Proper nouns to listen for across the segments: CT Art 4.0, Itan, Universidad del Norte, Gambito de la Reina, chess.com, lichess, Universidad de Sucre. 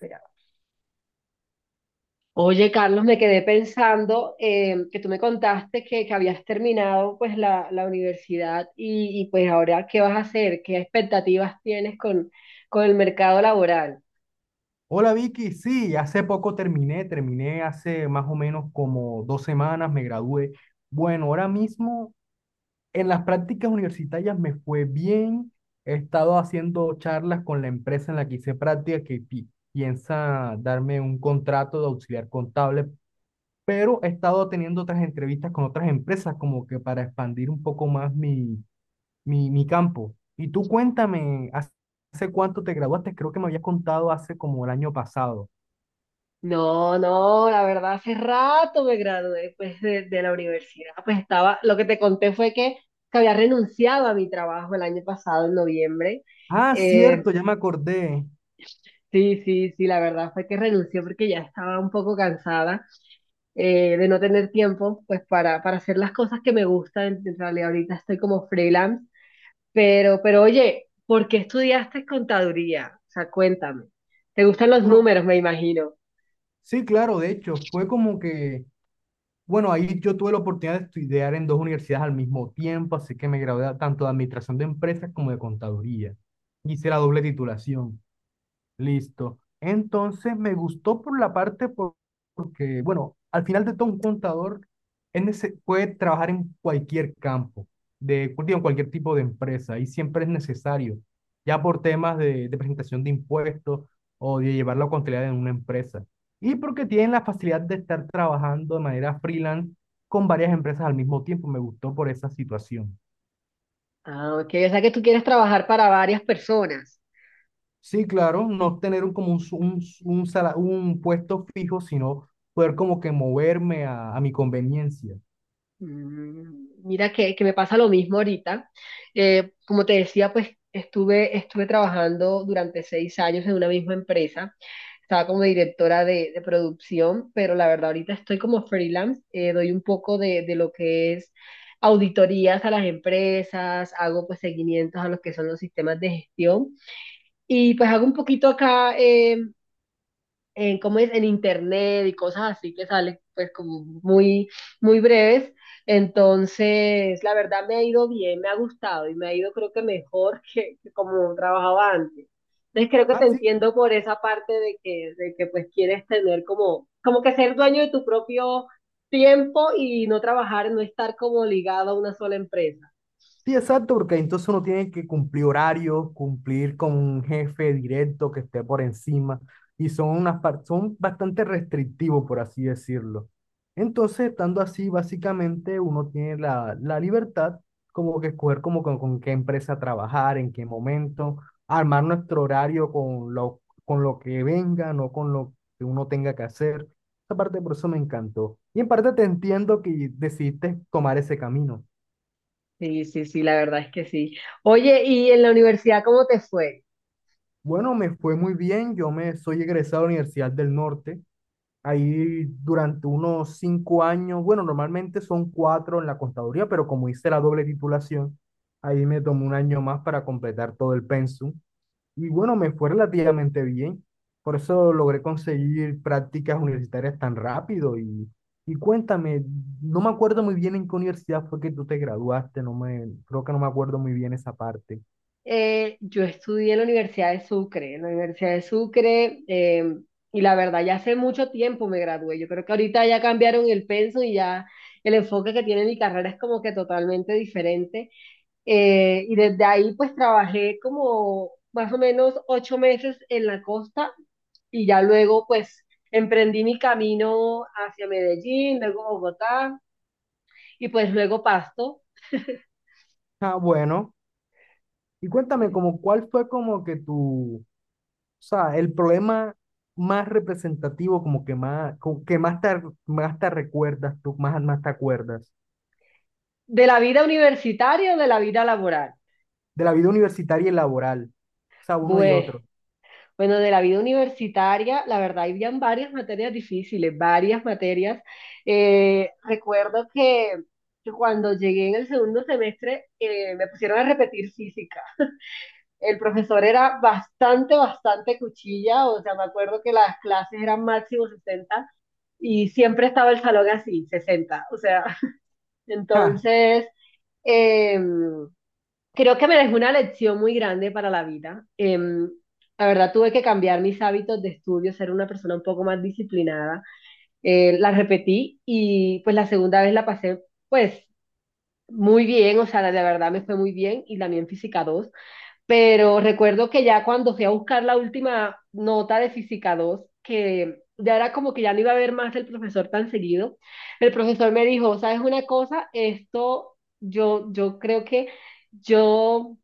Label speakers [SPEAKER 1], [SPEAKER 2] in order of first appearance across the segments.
[SPEAKER 1] Mira. Oye, Carlos, me quedé pensando, que tú me contaste que habías terminado pues la universidad y pues ahora, ¿qué vas a hacer? ¿Qué expectativas tienes con el mercado laboral?
[SPEAKER 2] Hola Vicky, sí, hace poco terminé hace más o menos como 2 semanas, me gradué. Bueno, ahora mismo en las prácticas universitarias me fue bien, he estado haciendo charlas con la empresa en la que hice práctica que piensa darme un contrato de auxiliar contable, pero he estado teniendo otras entrevistas con otras empresas como que para expandir un poco más mi campo. Y tú cuéntame, ¿hace cuánto te graduaste? Creo que me habías contado hace como el año pasado.
[SPEAKER 1] No, no, la verdad hace rato me gradué pues de la universidad. Pues estaba, lo que te conté fue que había renunciado a mi trabajo el año pasado, en noviembre.
[SPEAKER 2] Ah,
[SPEAKER 1] Eh,
[SPEAKER 2] cierto, ya me acordé.
[SPEAKER 1] sí, sí, sí, la verdad fue que renuncié porque ya estaba un poco cansada. De no tener tiempo, pues para hacer las cosas que me gustan. En realidad ahorita estoy como freelance, pero oye, ¿por qué estudiaste contaduría? O sea, cuéntame. ¿Te gustan los
[SPEAKER 2] Bueno,
[SPEAKER 1] números, me imagino?
[SPEAKER 2] sí, claro, de hecho, fue como que, bueno, ahí yo tuve la oportunidad de estudiar en dos universidades al mismo tiempo, así que me gradué tanto de administración de empresas como de contaduría. Hice la doble titulación. Listo. Entonces me gustó por la parte porque, bueno, al final de todo un contador puede trabajar en cualquier campo, digo, en cualquier tipo de empresa y siempre es necesario, ya por temas de presentación de impuestos o de llevar la contabilidad en una empresa. Y porque tienen la facilidad de estar trabajando de manera freelance con varias empresas al mismo tiempo. Me gustó por esa situación.
[SPEAKER 1] Ah, ok, o sea que tú quieres trabajar para varias personas.
[SPEAKER 2] Sí, claro, no tener como un, su- un, su- un, sala- un puesto fijo, sino poder como que moverme a mi conveniencia.
[SPEAKER 1] Mira que me pasa lo mismo ahorita. Como te decía, pues estuve, estuve trabajando durante seis años en una misma empresa. Estaba como directora de producción, pero la verdad ahorita estoy como freelance. Doy un poco de lo que es auditorías a las empresas, hago pues seguimientos a los que son los sistemas de gestión y pues hago un poquito acá, en, ¿cómo es?, en internet y cosas así que salen pues como muy, muy breves. Entonces, la verdad me ha ido bien, me ha gustado y me ha ido creo que mejor que como trabajaba antes. Entonces creo que
[SPEAKER 2] Ah,
[SPEAKER 1] te
[SPEAKER 2] sí.
[SPEAKER 1] entiendo por esa parte de de que pues quieres tener como, como que ser dueño de tu propio tiempo y no trabajar, no estar como ligado a una sola empresa.
[SPEAKER 2] Sí, exacto, porque entonces uno tiene que cumplir horarios, cumplir con un jefe directo que esté por encima, y son bastante restrictivos, por así decirlo. Entonces, estando así, básicamente uno tiene la libertad como que escoger como con qué empresa trabajar, en qué momento, armar nuestro horario con lo que venga, no con lo que uno tenga que hacer. Esa parte por eso me encantó. Y en parte te entiendo que decidiste tomar ese camino.
[SPEAKER 1] Sí, sí, sí, la verdad es que sí. Oye, ¿y en la universidad cómo te fue?
[SPEAKER 2] Bueno, me fue muy bien. Yo me soy egresado de la Universidad del Norte. Ahí durante unos 5 años, bueno, normalmente son cuatro en la contaduría, pero como hice la doble titulación, ahí me tomó un año más para completar todo el pensum. Y bueno, me fue relativamente bien. Por eso logré conseguir prácticas universitarias tan rápido. Y cuéntame, no me acuerdo muy bien en qué universidad fue que tú te graduaste. Creo que no me acuerdo muy bien esa parte.
[SPEAKER 1] Yo estudié en la Universidad de Sucre, y la verdad ya hace mucho tiempo me gradué. Yo creo que ahorita ya cambiaron el pensum y ya el enfoque que tiene mi carrera es como que totalmente diferente. Y desde ahí pues trabajé como más o menos ocho meses en la costa y ya luego pues emprendí mi camino hacia Medellín, luego Bogotá y pues luego Pasto,
[SPEAKER 2] Ah, bueno. Y cuéntame, como cuál fue como que tu, o sea, el problema más representativo, como que más, como que más te recuerdas, tú más te acuerdas,
[SPEAKER 1] de la vida universitaria o de la vida laboral.
[SPEAKER 2] de la vida universitaria y laboral, o sea, uno y
[SPEAKER 1] Bueno.
[SPEAKER 2] otro.
[SPEAKER 1] Bueno, de la vida universitaria, la verdad, habían varias materias difíciles, varias materias. Recuerdo que cuando llegué en el segundo semestre, me pusieron a repetir física. El profesor era bastante, bastante cuchilla, o sea, me acuerdo que las clases eran máximo 60 y siempre estaba el salón así, 60 o sea,
[SPEAKER 2] Ah,
[SPEAKER 1] entonces… em, creo que me dejó una lección muy grande para la vida. La verdad, tuve que cambiar mis hábitos de estudio, ser una persona un poco más disciplinada. La repetí y pues la segunda vez la pasé pues muy bien, o sea, la de verdad me fue muy bien, y también Física dos, pero recuerdo que ya cuando fui a buscar la última nota de Física dos, que ya era como que ya no iba a ver más el profesor tan seguido, el profesor me dijo: ¿Sabes una cosa? Esto yo, yo creo que yo…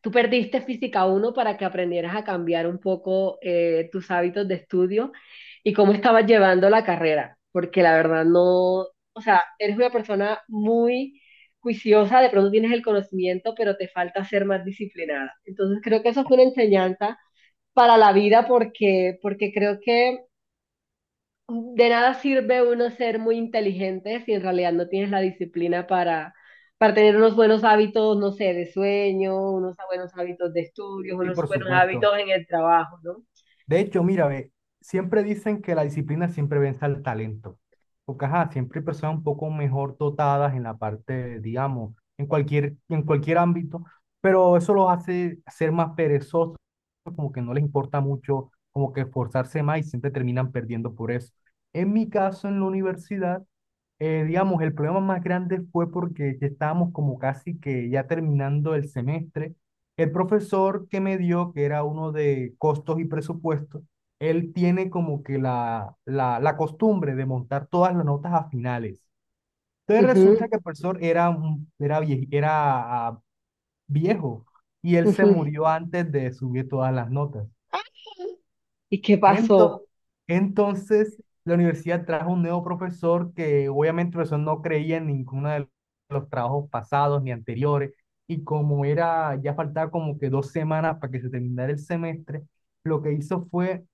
[SPEAKER 1] Tú perdiste física uno para que aprendieras a cambiar un poco, tus hábitos de estudio y cómo estabas llevando la carrera, porque la verdad no, o sea, eres una persona muy juiciosa, de pronto tienes el conocimiento, pero te falta ser más disciplinada. Entonces creo que eso fue una enseñanza para la vida porque, porque creo que de nada sirve uno ser muy inteligente si en realidad no tienes la disciplina para tener unos buenos hábitos, no sé, de sueño, unos buenos hábitos de estudios,
[SPEAKER 2] sí,
[SPEAKER 1] unos
[SPEAKER 2] por
[SPEAKER 1] buenos
[SPEAKER 2] supuesto.
[SPEAKER 1] hábitos en el trabajo, ¿no?
[SPEAKER 2] De hecho, mira, ve, siempre dicen que la disciplina siempre vence al talento, porque ajá, siempre hay personas un poco mejor dotadas en la parte, digamos, en cualquier ámbito, pero eso los hace ser más perezosos como que no les importa mucho, como que esforzarse más y siempre terminan perdiendo por eso. En mi caso, en la universidad, digamos, el problema más grande fue porque ya estábamos como casi que ya terminando el semestre. El profesor que me dio, que era uno de costos y presupuestos, él tiene como que la costumbre de montar todas las notas a finales. Entonces
[SPEAKER 1] Ujú,
[SPEAKER 2] resulta que el profesor era viejo y él se
[SPEAKER 1] ujú.
[SPEAKER 2] murió antes de subir todas las notas.
[SPEAKER 1] ¿Y qué pasó?
[SPEAKER 2] Ento- entonces, la universidad trajo un nuevo profesor que obviamente el profesor no creía en ninguno de los trabajos pasados ni anteriores. Y como era, ya faltaba como que 2 semanas para que se terminara el semestre, lo que hizo fue,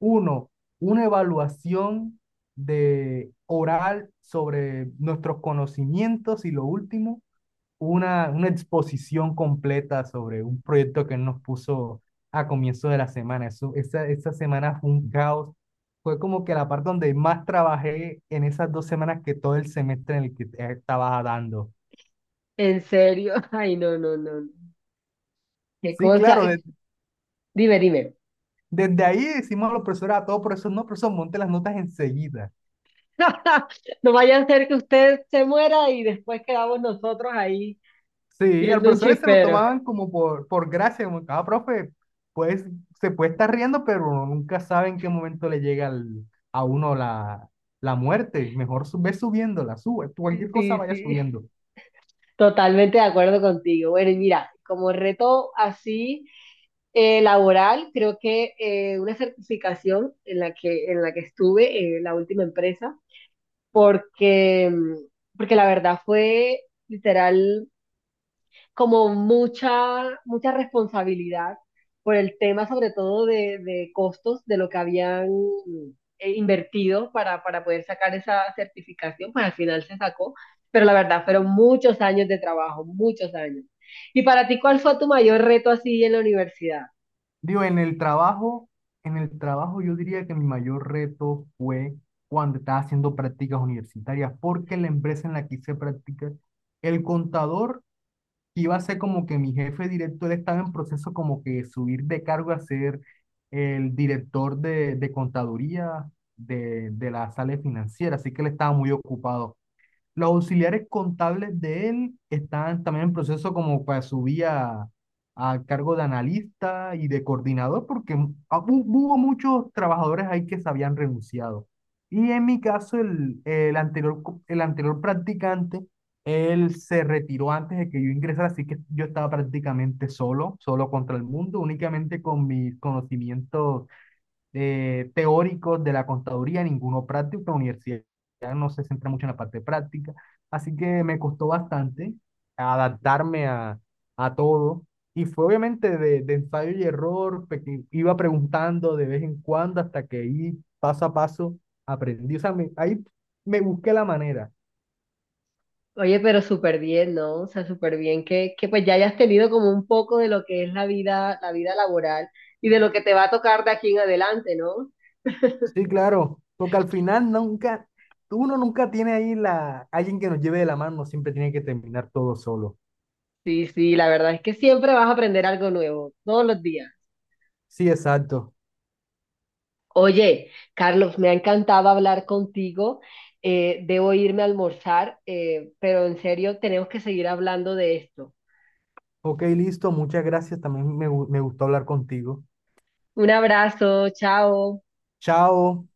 [SPEAKER 2] uno, una evaluación de oral sobre nuestros conocimientos y lo último, una exposición completa sobre un proyecto que él nos puso a comienzo de la semana. Eso, esa semana fue un caos. Fue como que la parte donde más trabajé en esas 2 semanas que todo el semestre en el que estaba dando.
[SPEAKER 1] ¿En serio? Ay, no, no, no. No. ¿Qué
[SPEAKER 2] Sí,
[SPEAKER 1] cosa?
[SPEAKER 2] claro,
[SPEAKER 1] Dime, dime.
[SPEAKER 2] desde ahí decimos a los profesores, a todos profesor, no, profesor, monte las notas enseguida.
[SPEAKER 1] No vaya a ser que usted se muera y después quedamos nosotros ahí
[SPEAKER 2] Sí, al
[SPEAKER 1] viendo un
[SPEAKER 2] profesor se lo
[SPEAKER 1] chispero.
[SPEAKER 2] tomaban como por gracia, como cada profe, pues se puede estar riendo, pero uno nunca sabe en qué momento le llega a uno la muerte. Mejor ve subiéndola, sube, tú
[SPEAKER 1] Sí,
[SPEAKER 2] cualquier cosa
[SPEAKER 1] sí.
[SPEAKER 2] vaya
[SPEAKER 1] Sí.
[SPEAKER 2] subiendo.
[SPEAKER 1] Totalmente de acuerdo contigo. Bueno, y mira, como reto así, laboral, creo que, una certificación en la en la que estuve, la última empresa, porque, porque la verdad fue literal como mucha, mucha responsabilidad por el tema, sobre todo de costos de lo que habían, invertido para poder sacar esa certificación, pues al final se sacó, pero la verdad fueron muchos años de trabajo, muchos años. ¿Y para ti cuál fue tu mayor reto así en la universidad?
[SPEAKER 2] Digo, en el trabajo, yo diría que mi mayor reto fue cuando estaba haciendo prácticas universitarias, porque la empresa en la que hice prácticas, el contador iba a ser como que mi jefe director estaba en proceso como que subir de cargo a ser el director de contaduría de la sala financiera, así que él estaba muy ocupado. Los auxiliares contables de él están también en proceso como para subir a cargo de analista y de coordinador, porque hubo muchos trabajadores ahí que se habían renunciado. Y en mi caso, el anterior practicante, él se retiró antes de que yo ingresara, así que yo estaba prácticamente solo, solo contra el mundo, únicamente con mis conocimientos teóricos de la contaduría, ninguno práctico. La universidad no se centra mucho en la parte práctica, así que me costó bastante adaptarme a todo. Y fue obviamente de ensayo y error, iba preguntando de vez en cuando hasta que ahí paso a paso aprendí. O sea, ahí me busqué la manera.
[SPEAKER 1] Oye, pero súper bien, ¿no? O sea, súper bien que pues ya hayas tenido como un poco de lo que es la vida laboral y de lo que te va a tocar de aquí en adelante, ¿no?
[SPEAKER 2] Sí, claro, porque al final nunca, uno nunca tiene ahí la, alguien que nos lleve de la mano, siempre tiene que terminar todo solo.
[SPEAKER 1] Sí, sí, la verdad es que siempre vas a aprender algo nuevo, todos los días.
[SPEAKER 2] Sí, exacto.
[SPEAKER 1] Oye, Carlos, me ha encantado hablar contigo. Debo irme a almorzar, pero en serio, tenemos que seguir hablando de esto.
[SPEAKER 2] Ok, listo. Muchas gracias. También me gustó hablar contigo.
[SPEAKER 1] Un abrazo, chao.
[SPEAKER 2] Chao.